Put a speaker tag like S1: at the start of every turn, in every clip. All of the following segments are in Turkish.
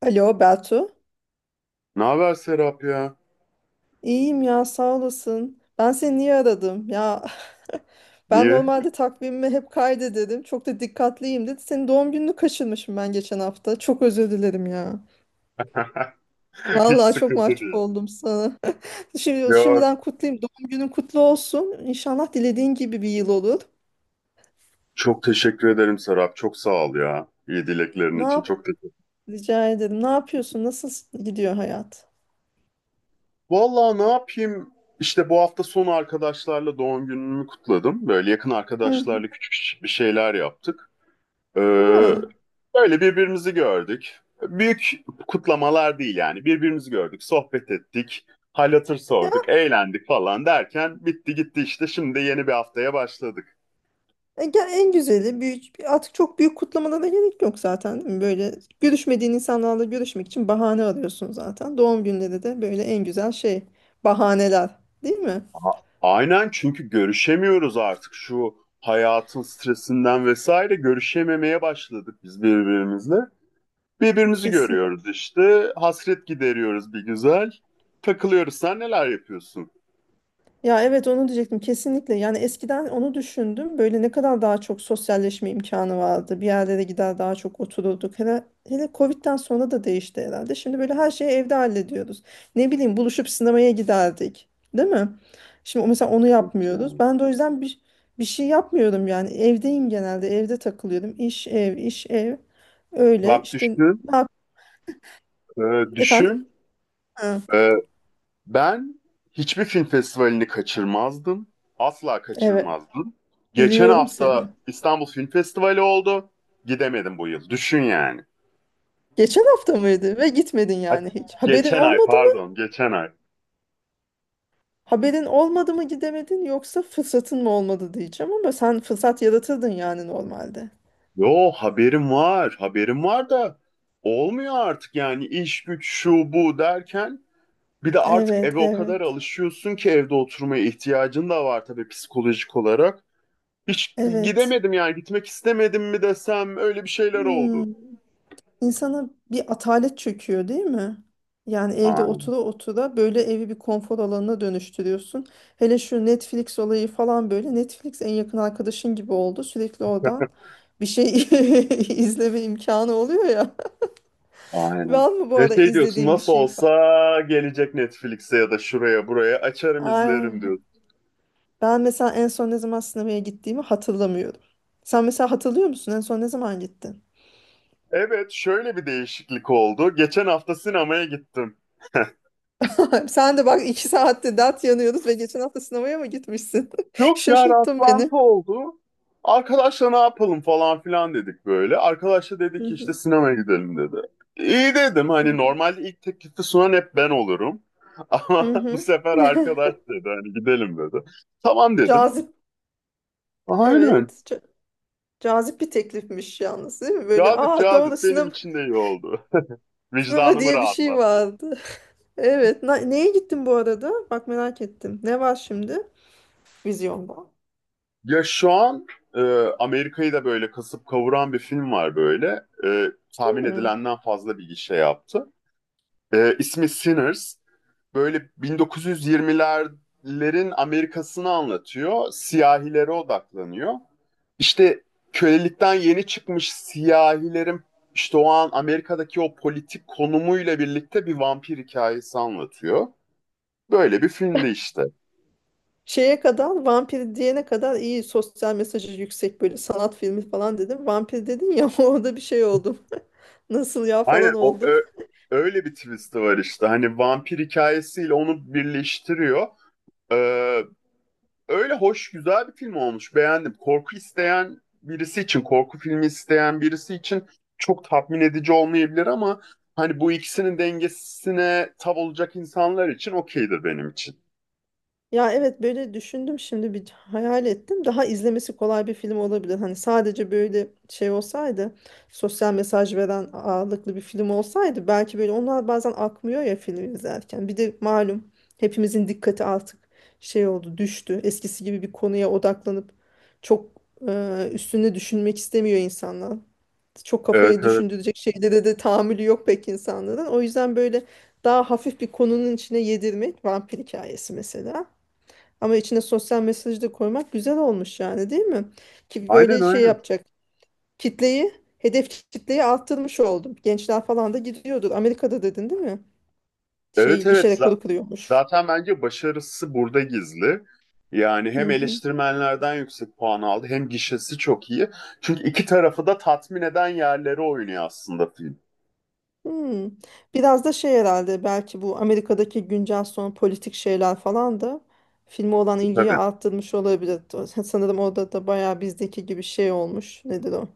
S1: Alo Beltu.
S2: Ne haber Serap ya?
S1: İyiyim ya sağ olasın. Ben seni niye aradım? Ya ben
S2: Niye?
S1: normalde takvimimi hep kaydederim. Çok da dikkatliyim dedi. Senin doğum gününü kaçırmışım ben geçen hafta. Çok özür dilerim ya.
S2: Hiç
S1: Vallahi çok
S2: sıkıntı
S1: mahcup
S2: değil.
S1: oldum sana. Şimdi,
S2: Ya,
S1: şimdiden kutlayayım. Doğum günün kutlu olsun. İnşallah dilediğin gibi bir yıl olur.
S2: çok teşekkür ederim Serap. Çok sağ ol ya. İyi dileklerin
S1: Ne
S2: için.
S1: yap?
S2: Çok teşekkür.
S1: Rica ederim. Ne yapıyorsun? Nasıl gidiyor hayat?
S2: Vallahi ne yapayım? İşte bu hafta sonu arkadaşlarla doğum günümü kutladım. Böyle yakın
S1: Hı.
S2: arkadaşlarla küçük bir şeyler yaptık. Ee,
S1: Ha.
S2: böyle birbirimizi gördük. Büyük kutlamalar değil yani. Birbirimizi gördük, sohbet ettik, hal hatır sorduk, eğlendik falan derken bitti gitti işte. Şimdi de yeni bir haftaya başladık.
S1: Artık çok büyük kutlamalara gerek yok zaten, değil mi? Böyle görüşmediğin insanlarla görüşmek için bahane arıyorsun zaten. Doğum günleri de böyle en güzel şey, bahaneler değil mi?
S2: Aynen, çünkü görüşemiyoruz artık şu hayatın stresinden vesaire, görüşememeye başladık biz birbirimizle. Birbirimizi görüyoruz işte. Hasret gideriyoruz bir güzel. Takılıyoruz. Sen neler yapıyorsun?
S1: Ya evet onu diyecektim kesinlikle. Yani eskiden onu düşündüm. Böyle ne kadar daha çok sosyalleşme imkanı vardı. Bir yerlere gider daha çok otururduk. Hele Covid'den sonra da değişti herhalde. Şimdi böyle her şeyi evde hallediyoruz. Ne bileyim, buluşup sinemaya giderdik. Değil mi? Şimdi mesela onu
S2: Yok ya.
S1: yapmıyoruz. Ben de o yüzden bir şey yapmıyorum yani. Evdeyim genelde. Evde takılıyorum. İş ev, iş ev. Öyle
S2: Bak
S1: işte.
S2: düşün,
S1: ne yap-
S2: e,
S1: Efendim?
S2: düşün.
S1: Ha,
S2: E, ben hiçbir film festivalini kaçırmazdım. Asla
S1: evet,
S2: kaçırmazdım. Geçen
S1: biliyorum seni.
S2: hafta İstanbul Film Festivali oldu. Gidemedim bu yıl. Düşün yani.
S1: Geçen hafta mıydı ve gitmedin
S2: Ay,
S1: yani hiç.
S2: geçen ay pardon, geçen ay.
S1: Haberin olmadı mı, gidemedin, yoksa fırsatın mı olmadı diyeceğim, ama sen fırsat yaratırdın yani normalde.
S2: Yo haberim var, haberim var da olmuyor artık yani, iş güç şu bu derken bir de artık
S1: Evet,
S2: eve o
S1: evet,
S2: kadar alışıyorsun ki evde oturmaya ihtiyacın da var tabii psikolojik olarak. Hiç
S1: evet.
S2: gidemedim yani, gitmek istemedim mi desem, öyle bir şeyler
S1: Hmm.
S2: oldu.
S1: İnsana bir atalet çöküyor değil mi? Yani evde
S2: Aynen,
S1: otura otura böyle evi bir konfor alanına dönüştürüyorsun. Hele şu Netflix olayı falan böyle. Netflix en yakın arkadaşın gibi oldu. Sürekli oradan bir şey izleme imkanı oluyor ya.
S2: aynen.
S1: Var mı bu
S2: Ve
S1: arada
S2: şey diyorsun,
S1: izlediğin bir
S2: nasıl
S1: şey
S2: olsa
S1: falan?
S2: gelecek Netflix'e ya da şuraya buraya, açarım izlerim
S1: Aynen.
S2: diyorsun.
S1: Ben mesela en son ne zaman sinemaya gittiğimi hatırlamıyorum. Sen mesela hatırlıyor musun? En son ne zaman gittin?
S2: Evet, şöyle bir değişiklik oldu. Geçen hafta sinemaya gittim.
S1: Sen de bak, iki saatte dert yanıyoruz ve geçen hafta sinemaya mı gitmişsin?
S2: Yok ya,
S1: Şaşırttın beni.
S2: rastlantı oldu. Arkadaşla ne yapalım falan filan dedik böyle. Arkadaşla dedik
S1: Hı
S2: ki işte,
S1: hı.
S2: sinemaya gidelim dedi. İyi dedim,
S1: Hı
S2: hani
S1: hı.
S2: normalde ilk teklifi sunan hep ben olurum. Ama
S1: Hı
S2: bu
S1: hı.
S2: sefer arkadaş dedi hani, gidelim dedi. Tamam dedim.
S1: Cazip,
S2: Aynen.
S1: evet. Cazip bir teklifmiş yalnız değil mi? Böyle
S2: Cazip
S1: aa, doğru,
S2: cazip, benim
S1: sinema,
S2: için de iyi oldu.
S1: sinema
S2: Vicdanımı
S1: diye bir şey
S2: rahatlattı.
S1: vardı. Evet. Neye gittin bu arada? Bak merak ettim. Ne var şimdi vizyonda?
S2: Ya şu an e, Amerika'yı da böyle kasıp kavuran bir film var böyle. Tahmin
S1: Hmm.
S2: edilenden fazla bir gişe yaptı. İsmi Sinners. Böyle 1920'lerin Amerika'sını anlatıyor. Siyahilere odaklanıyor. İşte kölelikten yeni çıkmış siyahilerin, işte o an Amerika'daki o politik konumuyla birlikte, bir vampir hikayesi anlatıyor. Böyle bir filmdi işte.
S1: Şeye kadar Vampir diyene kadar iyi, sosyal mesajı yüksek, böyle sanat filmi falan dedim. Vampir dedin ya orada bir şey oldum. Nasıl ya
S2: Aynen,
S1: falan oldum.
S2: öyle bir twist'i var işte. Hani vampir hikayesiyle onu birleştiriyor. Ee, Öyle hoş, güzel bir film olmuş. Beğendim. Korku isteyen birisi için, korku filmi isteyen birisi için çok tatmin edici olmayabilir ama hani bu ikisinin dengesine tav olacak insanlar için okeydir benim için.
S1: Ya evet, böyle düşündüm şimdi, bir hayal ettim. Daha izlemesi kolay bir film olabilir. Hani sadece böyle şey olsaydı, sosyal mesaj veren ağırlıklı bir film olsaydı, belki böyle onlar bazen akmıyor ya film izlerken. Bir de malum, hepimizin dikkati artık şey oldu, düştü. Eskisi gibi bir konuya odaklanıp çok üstüne düşünmek istemiyor insanlar. Çok
S2: Evet,
S1: kafayı
S2: evet.
S1: düşündürecek şeylere de tahammülü yok pek insanların. O yüzden böyle daha hafif bir konunun içine yedirmek, vampir hikayesi mesela. Ama içine sosyal mesajı da koymak güzel olmuş yani, değil mi? Ki
S2: Aynen,
S1: böyle şey
S2: aynen.
S1: yapacak. Kitleyi, hedef kitleyi arttırmış oldum. Gençler falan da gidiyordur. Amerika'da dedin değil mi? Şey,
S2: Evet,
S1: gişe
S2: evet.
S1: rekoru kırıyormuş.
S2: Zaten bence başarısı burada gizli. Yani
S1: Hı
S2: hem
S1: hı.
S2: eleştirmenlerden yüksek puan aldı, hem gişesi çok iyi. Çünkü iki tarafı da tatmin eden yerlere oynuyor aslında film.
S1: Hmm. Biraz da şey herhalde, belki bu Amerika'daki güncel son politik şeyler falan da filme olan ilgiyi
S2: Tabii.
S1: arttırmış olabilir. Sanırım orada da bayağı bizdeki gibi şey olmuş. Nedir o?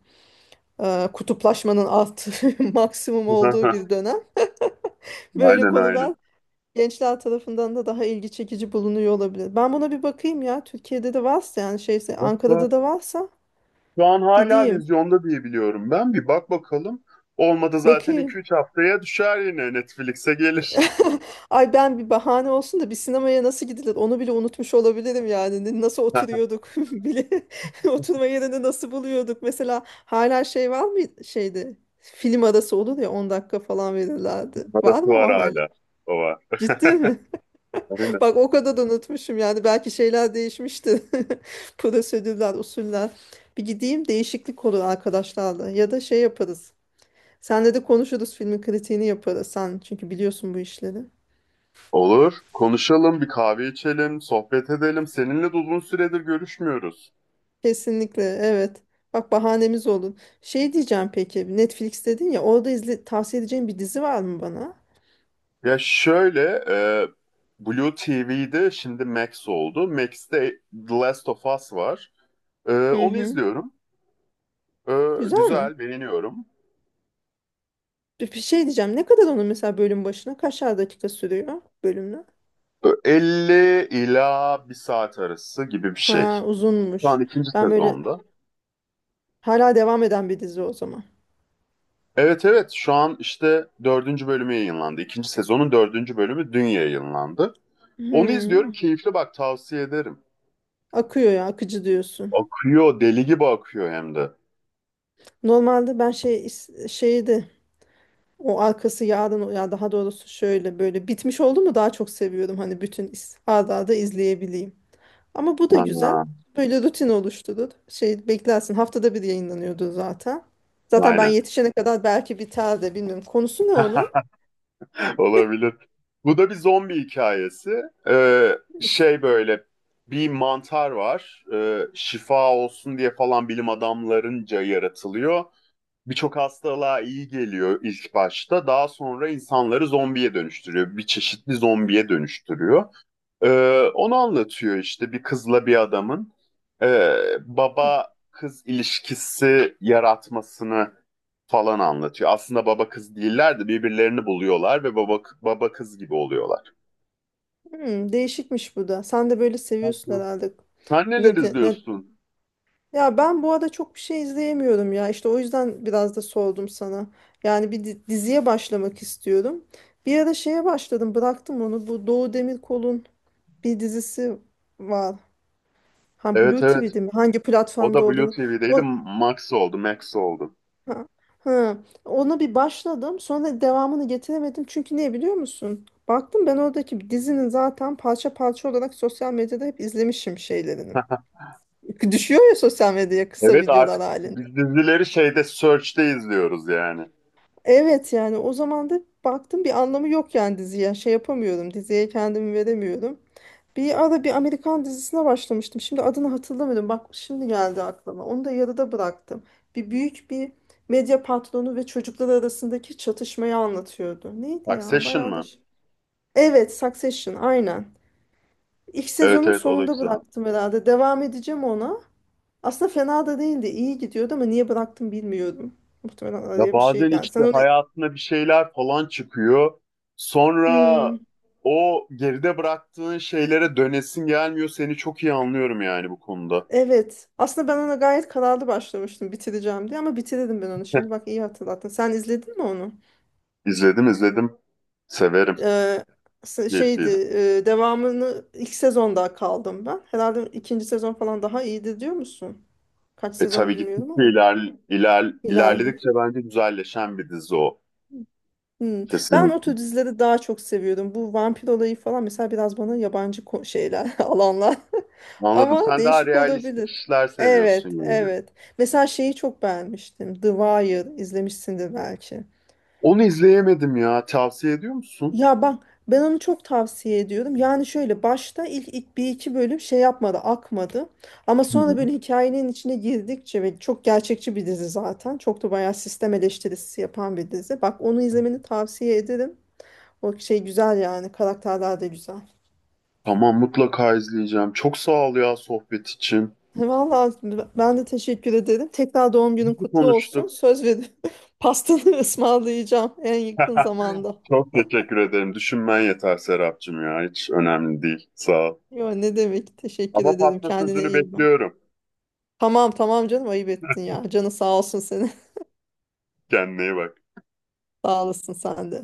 S1: Kutuplaşmanın arttığı, maksimum olduğu bir dönem. Böyle
S2: Aynen, aynen.
S1: konular gençler tarafından da daha ilgi çekici bulunuyor olabilir. Ben buna bir bakayım ya. Türkiye'de de varsa, yani şeyse, Ankara'da da varsa
S2: Şu an hala
S1: gideyim.
S2: vizyonda diye biliyorum ben. Bir bak bakalım. Olmadı zaten
S1: Bakayım.
S2: iki üç haftaya düşer, yine Netflix'e gelir.
S1: Ay, ben bir bahane olsun da, bir sinemaya nasıl gidilir onu bile unutmuş olabilirim yani. Nasıl oturuyorduk bile. Oturma yerini nasıl buluyorduk. Mesela hala şey var mı şeyde? Film arası olur ya, 10 dakika falan verirlerdi. Var
S2: Parası
S1: mı
S2: var
S1: o
S2: hala.
S1: hala?
S2: O var.
S1: Ciddi mi?
S2: Aynen.
S1: Bak, o kadar da unutmuşum yani, belki şeyler değişmişti. Prosedürler, usuller. Bir gideyim, değişiklik olur arkadaşlarla ya da şey yaparız. Senle de konuşuruz, filmin kritiğini yaparız, sen çünkü biliyorsun bu işleri.
S2: Olur. Konuşalım, bir kahve içelim, sohbet edelim. Seninle de uzun süredir görüşmüyoruz.
S1: Kesinlikle evet. Bak, bahanemiz olun. Şey diyeceğim, peki Netflix dedin ya, orada izle, tavsiye edeceğin bir dizi var mı bana?
S2: Ya şöyle, Blue TV'de şimdi Max oldu. Max'te The Last of Us var.
S1: Hı
S2: Onu
S1: hı.
S2: izliyorum. E,
S1: Güzel mi?
S2: güzel, beğeniyorum.
S1: Bir şey diyeceğim, ne kadar onun mesela bölüm başına, kaçar dakika sürüyor bölümler?
S2: E, 50 ila bir saat arası gibi bir şey.
S1: Ha,
S2: Şu an
S1: uzunmuş.
S2: ikinci
S1: Ben böyle,
S2: sezonda.
S1: hala devam eden bir dizi o zaman.
S2: Evet evet, şu an işte dördüncü bölümü yayınlandı. İkinci sezonun dördüncü bölümü dün yayınlandı. Onu izliyorum,
S1: Hmm.
S2: keyifli, bak tavsiye ederim.
S1: Akıyor ya, akıcı diyorsun.
S2: Akıyor, deli gibi akıyor hem de.
S1: Normalde ben şey şeydi, o arkası yarın ya, daha doğrusu şöyle böyle bitmiş oldu mu daha çok seviyorum, hani bütün arda arda izleyebileyim. Ama bu da güzel.
S2: Aa,
S1: Böyle rutin oluşturur. Şey, beklersin, haftada bir yayınlanıyordu zaten. Zaten ben
S2: aynen,
S1: yetişene kadar belki biter de, bilmiyorum. Konusu ne onun?
S2: olabilir. Bu da bir zombi hikayesi. Ee,
S1: Is-
S2: böyle bir mantar var. Şifa olsun diye falan bilim adamlarınca yaratılıyor. Birçok hastalığa iyi geliyor ilk başta. Daha sonra insanları zombiye dönüştürüyor. Bir çeşitli zombiye dönüştürüyor. Onu anlatıyor işte, bir kızla bir adamın e, baba kız ilişkisi yaratmasını falan anlatıyor. Aslında baba kız değiller de birbirlerini buluyorlar ve baba kız gibi oluyorlar.
S1: Hmm, değişikmiş bu da. Sen de böyle seviyorsun
S2: Hı.
S1: herhalde.
S2: Sen neler
S1: Ne, de- ne
S2: izliyorsun?
S1: Ya ben bu arada çok bir şey izleyemiyorum ya. İşte o yüzden biraz da sordum sana. Yani bir diziye başlamak istiyorum. Bir ara şeye başladım, bıraktım onu. Bu Doğu Demirkol'un bir dizisi var. Ha,
S2: Evet,
S1: Blue
S2: evet.
S1: TV'de mi? Hangi
S2: O
S1: platformda
S2: da Blue
S1: olduğunu.
S2: TV'deydi.
S1: O,
S2: Max oldu, Max oldu.
S1: ha, ha. Ona bir başladım. Sonra devamını getiremedim. Çünkü niye biliyor musun? Baktım, ben oradaki dizinin zaten parça parça olarak sosyal medyada hep izlemişim şeylerini. Düşüyor ya sosyal medyaya, kısa
S2: Evet
S1: videolar
S2: artık
S1: halinde.
S2: biz dizileri şeyde, Search'te izliyoruz yani.
S1: Evet, yani o zaman da baktım bir anlamı yok yani diziye. Şey yapamıyorum. Diziye kendimi veremiyorum. Bir ara bir Amerikan dizisine başlamıştım. Şimdi adını hatırlamıyorum. Bak, şimdi geldi aklıma. Onu da yarıda bıraktım. Bir büyük bir medya patronu ve çocuklar arasındaki çatışmayı anlatıyordu. Neydi ya?
S2: Succession
S1: Bayağı da
S2: mı?
S1: evet, Succession aynen. İlk
S2: Evet
S1: sezonun
S2: evet, o da
S1: sonunda
S2: güzel.
S1: bıraktım herhalde. Devam edeceğim ona. Aslında fena da değildi. İyi gidiyordu ama niye bıraktım bilmiyorum. Muhtemelen
S2: Ya
S1: araya bir şey
S2: bazen
S1: geldi.
S2: işte
S1: Sen onu...
S2: hayatına bir şeyler falan çıkıyor. Sonra
S1: Hmm.
S2: o geride bıraktığın şeylere dönesin gelmiyor. Seni çok iyi anlıyorum yani bu konuda.
S1: Evet. Aslında ben ona gayet kararlı başlamıştım, bitireceğim diye, ama bitirdim ben onu. Şimdi bak, iyi hatırlattın. Sen izledin mi onu?
S2: İzledim, izledim. Severim.
S1: Ee, Şeydi,
S2: Keyifliydi.
S1: devamını, ilk sezonda kaldım ben. Herhalde ikinci sezon falan daha iyiydi diyor musun? Kaç
S2: E
S1: sezon
S2: tabii
S1: bilmiyorum
S2: gittikçe
S1: ama ileride.
S2: ilerledikçe bence güzelleşen bir dizi o.
S1: Hmm. Ben o
S2: Kesinlikle.
S1: tür dizileri daha çok seviyordum. Bu vampir olayı falan mesela biraz bana yabancı, şeyler alanlar.
S2: Anladım.
S1: Ama
S2: Sen daha
S1: değişik
S2: realistik
S1: olabilir.
S2: işler seviyorsun
S1: Evet,
S2: yani.
S1: evet. Mesela şeyi çok beğenmiştim. The Wire, izlemişsindir belki.
S2: Onu izleyemedim ya. Tavsiye ediyor musun?
S1: Ya bak, ben onu çok tavsiye ediyorum. Yani şöyle başta ilk bir iki bölüm şey yapmadı, akmadı. Ama
S2: Hı.
S1: sonra böyle hikayenin içine girdikçe, ve çok gerçekçi bir dizi zaten. Çok da bayağı sistem eleştirisi yapan bir dizi. Bak, onu izlemeni tavsiye ederim. O şey güzel yani, karakterler de güzel.
S2: Tamam, mutlaka izleyeceğim. Çok sağ ol ya, sohbet için.
S1: Vallahi ben de teşekkür ederim. Tekrar doğum günün
S2: İyi
S1: kutlu olsun.
S2: konuştuk.
S1: Söz veriyorum. Pastanı ısmarlayacağım en yakın zamanda.
S2: Çok teşekkür ederim. Düşünmen yeter Serapcığım ya. Hiç önemli değil. Sağ ol.
S1: Yo, ne demek? Teşekkür
S2: Ama
S1: ederim.
S2: patla
S1: Kendine
S2: sözünü
S1: iyi bak.
S2: bekliyorum.
S1: Tamam tamam canım, ayıp ettin ya. Canı sağ olsun senin.
S2: Kendine iyi bak.
S1: Sağ olasın sen de.